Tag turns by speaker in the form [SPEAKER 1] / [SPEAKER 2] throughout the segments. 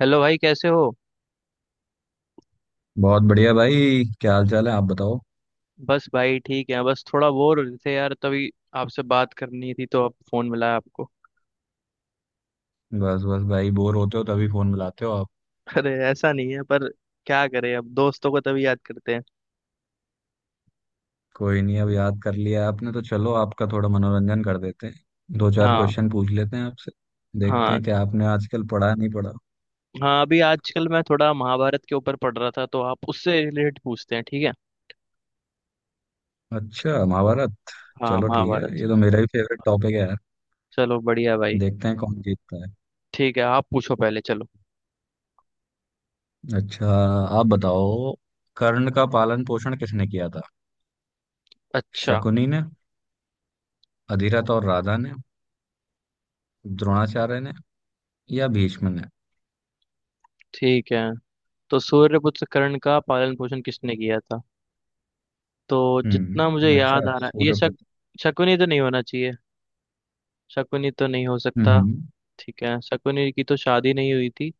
[SPEAKER 1] Hello भाई कैसे हो।
[SPEAKER 2] बहुत बढ़िया भाई क्या हाल चाल है आप बताओ।
[SPEAKER 1] बस भाई ठीक है, बस थोड़ा बोर हो रहे थे यार, तभी आपसे बात करनी थी तो अब फोन मिला आपको।
[SPEAKER 2] बस बस भाई बोर होते हो तभी फोन मिलाते हो आप।
[SPEAKER 1] अरे ऐसा नहीं है, पर क्या करें, अब दोस्तों को तभी याद करते हैं।
[SPEAKER 2] कोई नहीं अब याद कर लिया आपने तो चलो आपका थोड़ा मनोरंजन कर देते हैं। दो चार
[SPEAKER 1] हाँ।
[SPEAKER 2] क्वेश्चन पूछ लेते हैं आपसे। देखते
[SPEAKER 1] हाँ।
[SPEAKER 2] हैं कि आपने आजकल पढ़ा नहीं पढ़ा।
[SPEAKER 1] हाँ, अभी आजकल मैं थोड़ा महाभारत के ऊपर पढ़ रहा था, तो आप उससे रिलेटेड पूछते हैं, ठीक है।
[SPEAKER 2] अच्छा महाभारत।
[SPEAKER 1] हाँ,
[SPEAKER 2] चलो ठीक है
[SPEAKER 1] महाभारत।
[SPEAKER 2] ये तो मेरा भी फेवरेट टॉपिक है यार।
[SPEAKER 1] चलो बढ़िया भाई।
[SPEAKER 2] देखते हैं कौन जीतता है।
[SPEAKER 1] ठीक है, आप पूछो पहले। चलो।
[SPEAKER 2] अच्छा। आप बताओ। कर्ण का पालन पोषण किसने किया था।
[SPEAKER 1] अच्छा।
[SPEAKER 2] शकुनी ने। अधिरथ और राधा ने। द्रोणाचार्य ने। या भीष्म ने।
[SPEAKER 1] ठीक है। तो सूर्यपुत्र कर्ण का पालन पोषण किसने किया था? तो जितना मुझे याद
[SPEAKER 2] अच्छा
[SPEAKER 1] आ रहा है, ये
[SPEAKER 2] सूर्य।
[SPEAKER 1] शक शकुनी तो नहीं होना चाहिए। शकुनी तो नहीं हो सकता।
[SPEAKER 2] हम्म।
[SPEAKER 1] ठीक है, शकुनी की तो शादी नहीं हुई थी।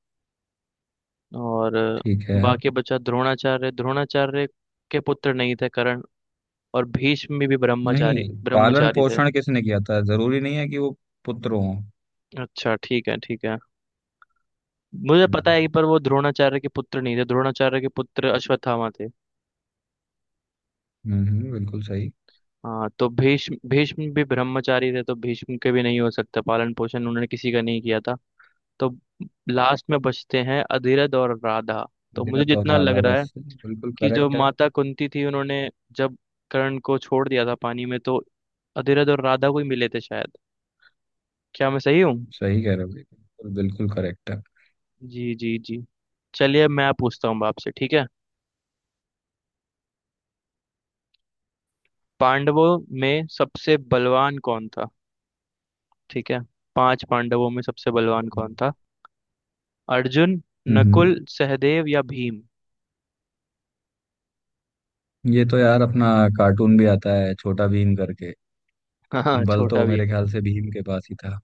[SPEAKER 1] और
[SPEAKER 2] ठीक है।
[SPEAKER 1] बाकी बचा द्रोणाचार्य। द्रोणाचार्य के पुत्र नहीं थे कर्ण। और भीष्म भी
[SPEAKER 2] नहीं,
[SPEAKER 1] ब्रह्मचारी
[SPEAKER 2] पालन
[SPEAKER 1] ब्रह्मचारी थे।
[SPEAKER 2] पोषण किसने किया था जरूरी नहीं है कि वो पुत्र हो।
[SPEAKER 1] अच्छा, ठीक है, ठीक है। मुझे पता
[SPEAKER 2] हम्म।
[SPEAKER 1] है, पर वो द्रोणाचार्य के पुत्र नहीं थे, द्रोणाचार्य के पुत्र अश्वत्थामा थे।
[SPEAKER 2] बिल्कुल सही।
[SPEAKER 1] हाँ, तो भीष्म भीष्म भी ब्रह्मचारी थे, तो भीष्म के भी नहीं हो सकता, पालन पोषण उन्होंने किसी का नहीं किया था। तो लास्ट में बचते हैं अधिरथ और राधा। तो मुझे
[SPEAKER 2] अधिरथ और
[SPEAKER 1] जितना लग
[SPEAKER 2] राधा
[SPEAKER 1] रहा है,
[SPEAKER 2] बस बिल्कुल
[SPEAKER 1] कि जो
[SPEAKER 2] करेक्ट है।
[SPEAKER 1] माता कुंती थी उन्होंने जब कर्ण को छोड़ दिया था पानी में, तो अधिरथ और राधा को ही मिले थे शायद। क्या मैं सही हूँ?
[SPEAKER 2] सही कह रहे हो बिल्कुल, बिल्कुल करेक्ट है।
[SPEAKER 1] जी जी जी। चलिए, अब मैं पूछता हूँ आपसे, ठीक है? पांडवों में सबसे बलवान कौन था? ठीक है। पांच पांडवों में सबसे बलवान
[SPEAKER 2] हम्म।
[SPEAKER 1] कौन था? अर्जुन,
[SPEAKER 2] हम्म,
[SPEAKER 1] नकुल, सहदेव या भीम?
[SPEAKER 2] ये तो यार अपना कार्टून भी आता है छोटा भीम करके।
[SPEAKER 1] हाँ हाँ,
[SPEAKER 2] बल
[SPEAKER 1] छोटा
[SPEAKER 2] तो
[SPEAKER 1] भीम।
[SPEAKER 2] मेरे ख्याल से भीम के पास ही था।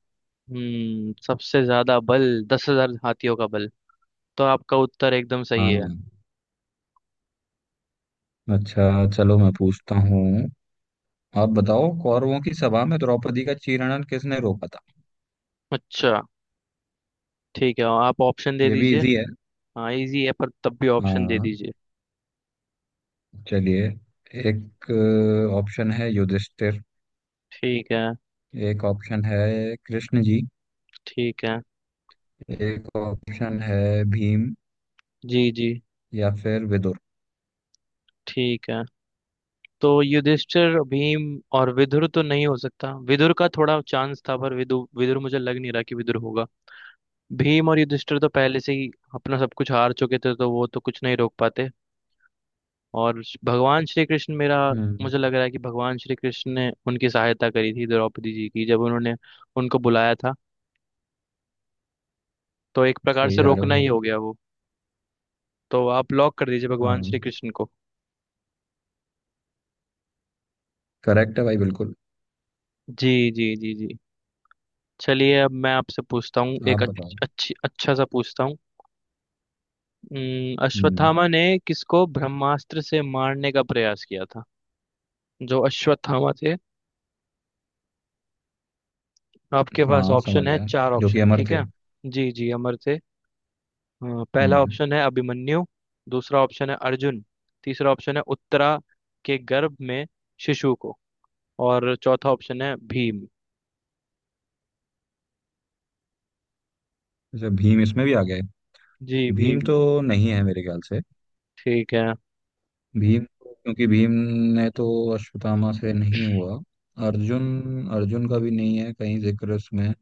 [SPEAKER 1] सबसे ज्यादा बल, 10,000 हाथियों का बल, तो आपका उत्तर एकदम सही है।
[SPEAKER 2] हाँ। अच्छा चलो मैं पूछता हूँ। आप बताओ कौरवों की सभा में द्रौपदी का चीरहरण किसने रोका था।
[SPEAKER 1] अच्छा, ठीक है, आप ऑप्शन दे
[SPEAKER 2] ये भी
[SPEAKER 1] दीजिए।
[SPEAKER 2] इजी है।
[SPEAKER 1] हाँ, इजी है, पर तब भी ऑप्शन दे
[SPEAKER 2] हाँ।
[SPEAKER 1] दीजिए।
[SPEAKER 2] चलिए। एक ऑप्शन है युधिष्ठिर।
[SPEAKER 1] ठीक है।
[SPEAKER 2] एक ऑप्शन है कृष्ण जी।
[SPEAKER 1] ठीक है।
[SPEAKER 2] एक ऑप्शन है भीम
[SPEAKER 1] जी जी।
[SPEAKER 2] या फिर विदुर।
[SPEAKER 1] ठीक है, तो युधिष्ठिर, भीम और विदुर तो नहीं हो सकता, विदुर का थोड़ा चांस था, पर विदुर मुझे लग नहीं रहा कि विदुर होगा। भीम और युधिष्ठिर तो पहले से ही अपना सब कुछ हार चुके थे, तो वो तो कुछ नहीं रोक पाते। और भगवान श्री कृष्ण, मेरा
[SPEAKER 2] हम्म
[SPEAKER 1] मुझे लग रहा है कि भगवान श्री कृष्ण ने उनकी सहायता करी थी द्रौपदी जी की, जब उन्होंने उनको बुलाया था, तो एक प्रकार
[SPEAKER 2] सही
[SPEAKER 1] से
[SPEAKER 2] जा रहे हो
[SPEAKER 1] रोकना ही
[SPEAKER 2] बिल्कुल।
[SPEAKER 1] हो गया वो। तो आप लॉक कर दीजिए भगवान श्री
[SPEAKER 2] हाँ।
[SPEAKER 1] कृष्ण को।
[SPEAKER 2] करेक्ट है भाई बिल्कुल।
[SPEAKER 1] जी जी जी जी। चलिए, अब मैं आपसे पूछता हूँ
[SPEAKER 2] आप
[SPEAKER 1] एक
[SPEAKER 2] बताओ।
[SPEAKER 1] अच्छा सा पूछता हूँ।
[SPEAKER 2] हम्म।
[SPEAKER 1] अश्वत्थामा ने किसको ब्रह्मास्त्र से मारने का प्रयास किया था? जो अश्वत्थामा थे, आपके पास
[SPEAKER 2] हाँ समझ
[SPEAKER 1] ऑप्शन है,
[SPEAKER 2] गया,
[SPEAKER 1] चार
[SPEAKER 2] जो कि
[SPEAKER 1] ऑप्शन,
[SPEAKER 2] अमर
[SPEAKER 1] ठीक
[SPEAKER 2] थे।
[SPEAKER 1] है। जी जी, अमर थे। पहला
[SPEAKER 2] हम्म।
[SPEAKER 1] ऑप्शन है अभिमन्यु। दूसरा ऑप्शन है अर्जुन। तीसरा ऑप्शन है उत्तरा के गर्भ में शिशु को। और चौथा ऑप्शन है भीम।
[SPEAKER 2] अच्छा भीम इसमें भी आ गए।
[SPEAKER 1] जी,
[SPEAKER 2] भीम
[SPEAKER 1] भीम।
[SPEAKER 2] तो नहीं है मेरे ख्याल से।
[SPEAKER 1] ठीक है।
[SPEAKER 2] क्योंकि भीम ने तो अश्वत्थामा से नहीं हुआ। अर्जुन अर्जुन का भी नहीं है कहीं जिक्र उसमें,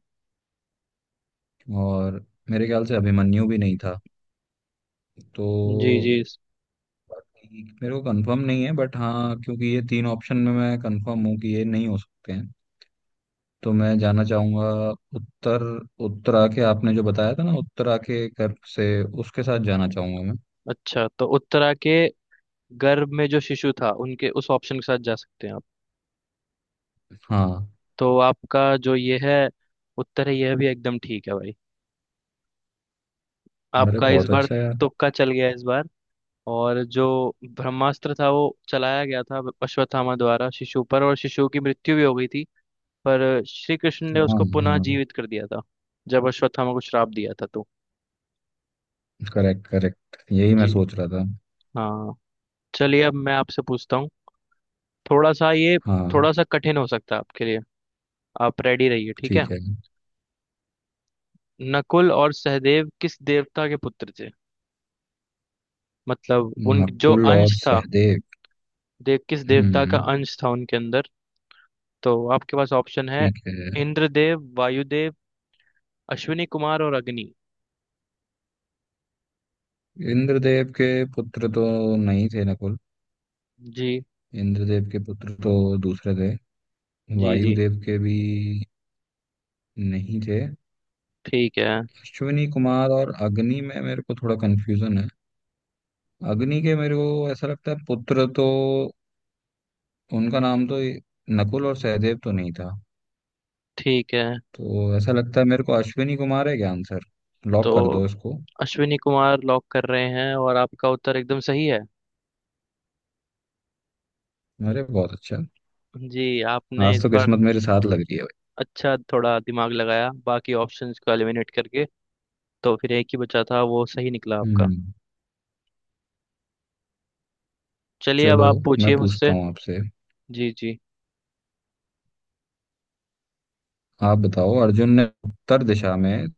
[SPEAKER 2] और मेरे ख्याल से अभिमन्यु भी नहीं था
[SPEAKER 1] जी
[SPEAKER 2] तो।
[SPEAKER 1] जी।
[SPEAKER 2] बाकी मेरे को कंफर्म नहीं है, बट हाँ, क्योंकि ये तीन ऑप्शन में मैं कंफर्म हूँ कि ये नहीं हो सकते हैं। तो मैं जाना चाहूंगा उत्तर उत्तरा के, आपने जो बताया था ना, उत्तरा के गर्भ से, उसके साथ जाना चाहूंगा मैं।
[SPEAKER 1] अच्छा, तो उत्तरा के गर्भ में जो शिशु था, उनके उस ऑप्शन के साथ जा सकते हैं आप।
[SPEAKER 2] हाँ।
[SPEAKER 1] तो आपका जो ये है उत्तर है, यह भी एकदम ठीक है भाई।
[SPEAKER 2] अरे
[SPEAKER 1] आपका इस
[SPEAKER 2] बहुत
[SPEAKER 1] बार
[SPEAKER 2] अच्छा यार।
[SPEAKER 1] तुक्का चल गया इस बार। और जो ब्रह्मास्त्र था वो चलाया गया था अश्वत्थामा द्वारा शिशु पर, और शिशु की मृत्यु भी हो गई थी। पर श्री कृष्ण ने
[SPEAKER 2] हाँ,
[SPEAKER 1] उसको पुनः
[SPEAKER 2] हाँ।
[SPEAKER 1] जीवित कर दिया था, जब अश्वत्थामा को श्राप दिया था तो।
[SPEAKER 2] करेक्ट, करेक्ट, यही मैं
[SPEAKER 1] जी।
[SPEAKER 2] सोच रहा था।
[SPEAKER 1] हाँ। चलिए, अब मैं आपसे पूछता हूँ, थोड़ा सा ये,
[SPEAKER 2] हाँ।
[SPEAKER 1] थोड़ा सा कठिन हो सकता है आपके लिए। आप रेडी रहिए, ठीक है।
[SPEAKER 2] ठीक है।
[SPEAKER 1] नकुल और सहदेव किस देवता के पुत्र थे? मतलब, उन जो
[SPEAKER 2] नकुल और
[SPEAKER 1] अंश था
[SPEAKER 2] सहदेव।
[SPEAKER 1] देव, किस देवता का
[SPEAKER 2] हम्म।
[SPEAKER 1] अंश था उनके अंदर। तो आपके पास ऑप्शन है
[SPEAKER 2] ठीक है।
[SPEAKER 1] इंद्रदेव, वायुदेव, अश्विनी कुमार और अग्नि।
[SPEAKER 2] इंद्रदेव के पुत्र तो नहीं थे नकुल।
[SPEAKER 1] जी
[SPEAKER 2] इंद्रदेव के पुत्र तो दूसरे थे।
[SPEAKER 1] जी जी।
[SPEAKER 2] वायुदेव के भी नहीं थे।
[SPEAKER 1] ठीक है,
[SPEAKER 2] अश्विनी कुमार और अग्नि में मेरे को थोड़ा कंफ्यूजन है। अग्नि के मेरे को ऐसा लगता है पुत्र तो उनका नाम तो नकुल और सहदेव तो नहीं था।
[SPEAKER 1] ठीक है।
[SPEAKER 2] तो ऐसा लगता है मेरे को अश्विनी कुमार है क्या आंसर।
[SPEAKER 1] तो
[SPEAKER 2] लॉक कर दो इसको।
[SPEAKER 1] अश्विनी कुमार लॉक कर रहे हैं, और आपका उत्तर एकदम सही है।
[SPEAKER 2] अरे बहुत अच्छा।
[SPEAKER 1] जी। आपने
[SPEAKER 2] आज
[SPEAKER 1] इस
[SPEAKER 2] तो
[SPEAKER 1] बार
[SPEAKER 2] किस्मत मेरे साथ लग रही है भाई।
[SPEAKER 1] अच्छा थोड़ा दिमाग लगाया, बाकी ऑप्शंस को एलिमिनेट करके, तो फिर एक ही बचा था, वो सही निकला आपका।
[SPEAKER 2] हम्म।
[SPEAKER 1] चलिए, अब
[SPEAKER 2] चलो
[SPEAKER 1] आप
[SPEAKER 2] मैं
[SPEAKER 1] पूछिए
[SPEAKER 2] पूछता
[SPEAKER 1] मुझसे।
[SPEAKER 2] हूँ आपसे।
[SPEAKER 1] जी जी।
[SPEAKER 2] आप बताओ, अर्जुन ने उत्तर दिशा में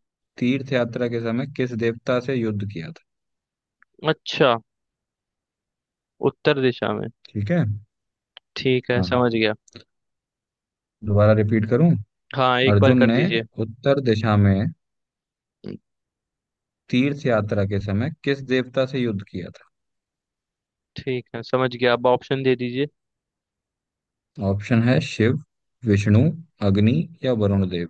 [SPEAKER 2] तीर्थ यात्रा के समय किस देवता से युद्ध किया था।
[SPEAKER 1] अच्छा, उत्तर दिशा में,
[SPEAKER 2] ठीक है।
[SPEAKER 1] ठीक है,
[SPEAKER 2] हाँ।
[SPEAKER 1] समझ गया।
[SPEAKER 2] दोबारा रिपीट करूं।
[SPEAKER 1] हाँ, एक बार
[SPEAKER 2] अर्जुन
[SPEAKER 1] कर
[SPEAKER 2] ने
[SPEAKER 1] दीजिए।
[SPEAKER 2] उत्तर दिशा में
[SPEAKER 1] हम्म,
[SPEAKER 2] तीर्थ यात्रा के समय किस देवता से युद्ध किया
[SPEAKER 1] ठीक है, समझ गया, अब ऑप्शन दे दीजिए।
[SPEAKER 2] था। ऑप्शन है शिव, विष्णु, अग्नि या वरुण देव।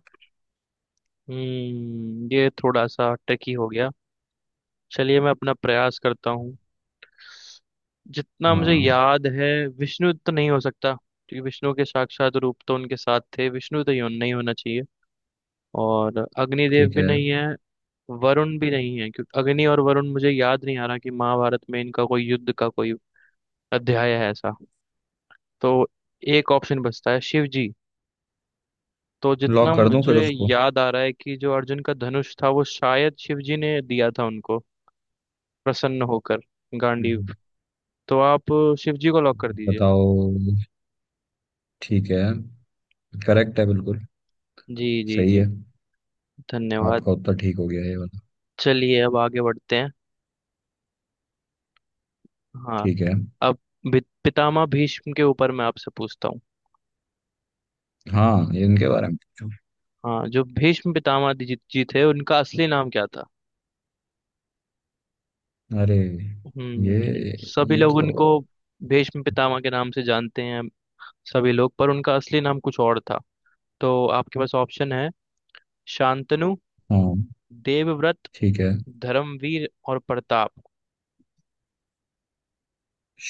[SPEAKER 1] ये थोड़ा सा ट्रिकी हो गया। चलिए, मैं अपना प्रयास करता हूँ, जितना मुझे
[SPEAKER 2] हाँ।
[SPEAKER 1] याद है। विष्णु तो नहीं हो सकता, क्योंकि विष्णु के साक्षात रूप तो उनके साथ थे, विष्णु तो नहीं होना चाहिए। और अग्निदेव
[SPEAKER 2] ठीक
[SPEAKER 1] भी
[SPEAKER 2] है।
[SPEAKER 1] नहीं है। वरुण भी नहीं है, क्योंकि अग्नि और वरुण मुझे याद नहीं आ रहा कि महाभारत में इनका कोई युद्ध का कोई अध्याय है ऐसा। तो एक ऑप्शन बचता है शिव जी। तो जितना
[SPEAKER 2] लॉक कर दूं फिर
[SPEAKER 1] मुझे
[SPEAKER 2] उसको।
[SPEAKER 1] याद आ रहा है, कि जो अर्जुन का धनुष था वो शायद शिव जी ने दिया था उनको, प्रसन्न होकर, गांडीव।
[SPEAKER 2] हम्म।
[SPEAKER 1] तो आप शिव जी को लॉक कर दीजिए।
[SPEAKER 2] बताओ। ठीक है। करेक्ट है बिल्कुल।
[SPEAKER 1] जी जी
[SPEAKER 2] सही
[SPEAKER 1] जी।
[SPEAKER 2] है।
[SPEAKER 1] धन्यवाद।
[SPEAKER 2] आपका उत्तर ठीक हो गया ये वाला।
[SPEAKER 1] चलिए, अब आगे बढ़ते हैं। हाँ।
[SPEAKER 2] ठीक है।
[SPEAKER 1] अब पितामह भीष्म के ऊपर मैं आपसे पूछता हूँ।
[SPEAKER 2] हाँ, ये इनके बारे में पूछो।
[SPEAKER 1] हाँ, जो भीष्म पितामह जी थे, उनका असली नाम क्या था?
[SPEAKER 2] अरे, ये
[SPEAKER 1] सभी
[SPEAKER 2] ये
[SPEAKER 1] लोग
[SPEAKER 2] तो।
[SPEAKER 1] उनको भीष्म पितामह के नाम से जानते हैं सभी लोग, पर उनका असली नाम कुछ और था। तो आपके पास ऑप्शन है शांतनु,
[SPEAKER 2] हाँ।
[SPEAKER 1] देवव्रत,
[SPEAKER 2] ठीक है।
[SPEAKER 1] धर्मवीर और प्रताप।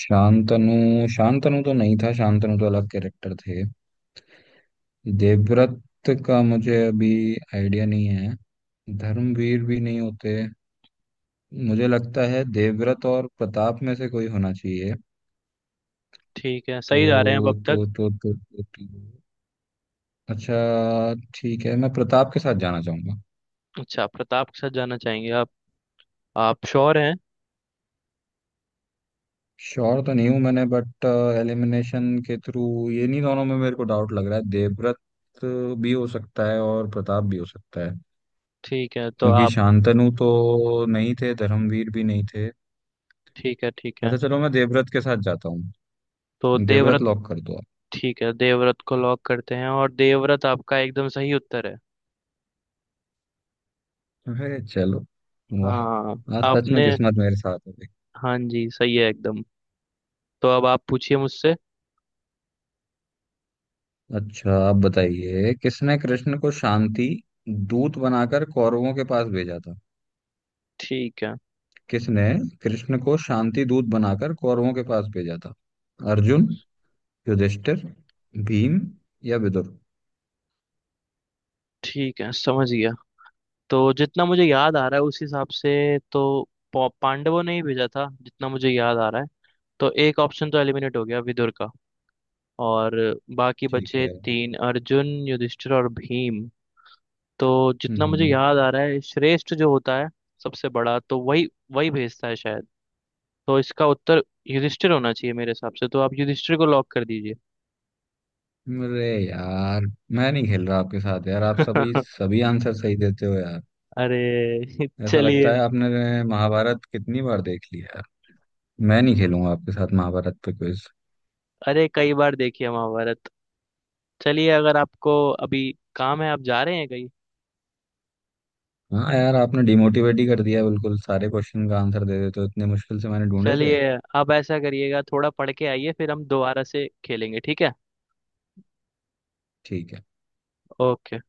[SPEAKER 2] शांतनु, शांतनु तो नहीं था, शांतनु तो अलग कैरेक्टर थे। देवव्रत का मुझे अभी आइडिया नहीं है। धर्मवीर भी नहीं होते। मुझे लगता है देवव्रत और प्रताप में से कोई होना चाहिए।
[SPEAKER 1] ठीक है,
[SPEAKER 2] तो
[SPEAKER 1] सही जा रहे हैं अब तक।
[SPEAKER 2] तो तो तो, तो, तो अच्छा ठीक है, मैं प्रताप के साथ जाना चाहूंगा।
[SPEAKER 1] अच्छा, प्रताप के साथ जाना चाहेंगे आप? आप श्योर हैं?
[SPEAKER 2] श्योर तो नहीं हूं मैंने, बट एलिमिनेशन के थ्रू ये नहीं, दोनों में मेरे को डाउट लग रहा है, देवव्रत भी हो सकता है और प्रताप भी हो सकता है।
[SPEAKER 1] ठीक है, तो
[SPEAKER 2] क्योंकि
[SPEAKER 1] आप,
[SPEAKER 2] शांतनु तो नहीं थे, धर्मवीर भी नहीं थे।
[SPEAKER 1] ठीक है, ठीक है।
[SPEAKER 2] अच्छा चलो मैं देवव्रत के साथ जाता हूँ।
[SPEAKER 1] तो
[SPEAKER 2] देवव्रत
[SPEAKER 1] देवव्रत,
[SPEAKER 2] लॉक कर दो आप।
[SPEAKER 1] ठीक है, देवव्रत को लॉक करते हैं, और देवव्रत आपका एकदम सही उत्तर है।
[SPEAKER 2] अरे चलो। वाह।
[SPEAKER 1] हाँ।
[SPEAKER 2] आज सच में
[SPEAKER 1] आपने,
[SPEAKER 2] किस्मत मेरे साथ हो गई।
[SPEAKER 1] हाँ जी, सही है एकदम। तो अब आप पूछिए मुझसे।
[SPEAKER 2] अच्छा, आप बताइए किसने कृष्ण को शांति दूत बनाकर कौरवों के पास भेजा था।
[SPEAKER 1] ठीक है।
[SPEAKER 2] किसने कृष्ण को शांति दूत बनाकर कौरवों के पास भेजा था। अर्जुन, युधिष्ठिर, भीम या विदुर।
[SPEAKER 1] ठीक है, समझ गया। तो जितना मुझे याद आ रहा है, उस हिसाब से, तो पांडवों ने ही भेजा था, जितना मुझे याद आ रहा है। तो एक ऑप्शन तो एलिमिनेट हो गया विदुर का। और बाकी
[SPEAKER 2] ठीक
[SPEAKER 1] बचे
[SPEAKER 2] है।
[SPEAKER 1] तीन, अर्जुन, युधिष्ठिर और भीम। तो जितना
[SPEAKER 2] हम्म।
[SPEAKER 1] मुझे
[SPEAKER 2] हम्म।
[SPEAKER 1] याद आ रहा है, श्रेष्ठ जो होता है, सबसे बड़ा, तो वही वही भेजता है शायद। तो इसका उत्तर युधिष्ठिर होना चाहिए मेरे हिसाब से, तो आप युधिष्ठिर को लॉक कर दीजिए।
[SPEAKER 2] अरे यार, मैं नहीं खेल रहा आपके साथ यार, आप सभी, सभी आंसर सही देते हो यार।
[SPEAKER 1] अरे
[SPEAKER 2] ऐसा
[SPEAKER 1] चलिए।
[SPEAKER 2] लगता है आपने महाभारत कितनी बार देख ली यार। मैं नहीं खेलूंगा आपके साथ महाभारत पे क्विज।
[SPEAKER 1] अरे, कई बार देखिए महाभारत। चलिए, अगर आपको अभी काम है, आप जा रहे हैं कहीं।
[SPEAKER 2] हाँ यार, आपने डिमोटिवेट ही कर दिया, बिल्कुल सारे क्वेश्चन का आंसर दे देते हो, इतने मुश्किल से मैंने ढूंढे थे।
[SPEAKER 1] चलिए, आप ऐसा करिएगा, थोड़ा पढ़ के आइए, फिर हम दोबारा से खेलेंगे, ठीक है।
[SPEAKER 2] ठीक है।
[SPEAKER 1] ओके।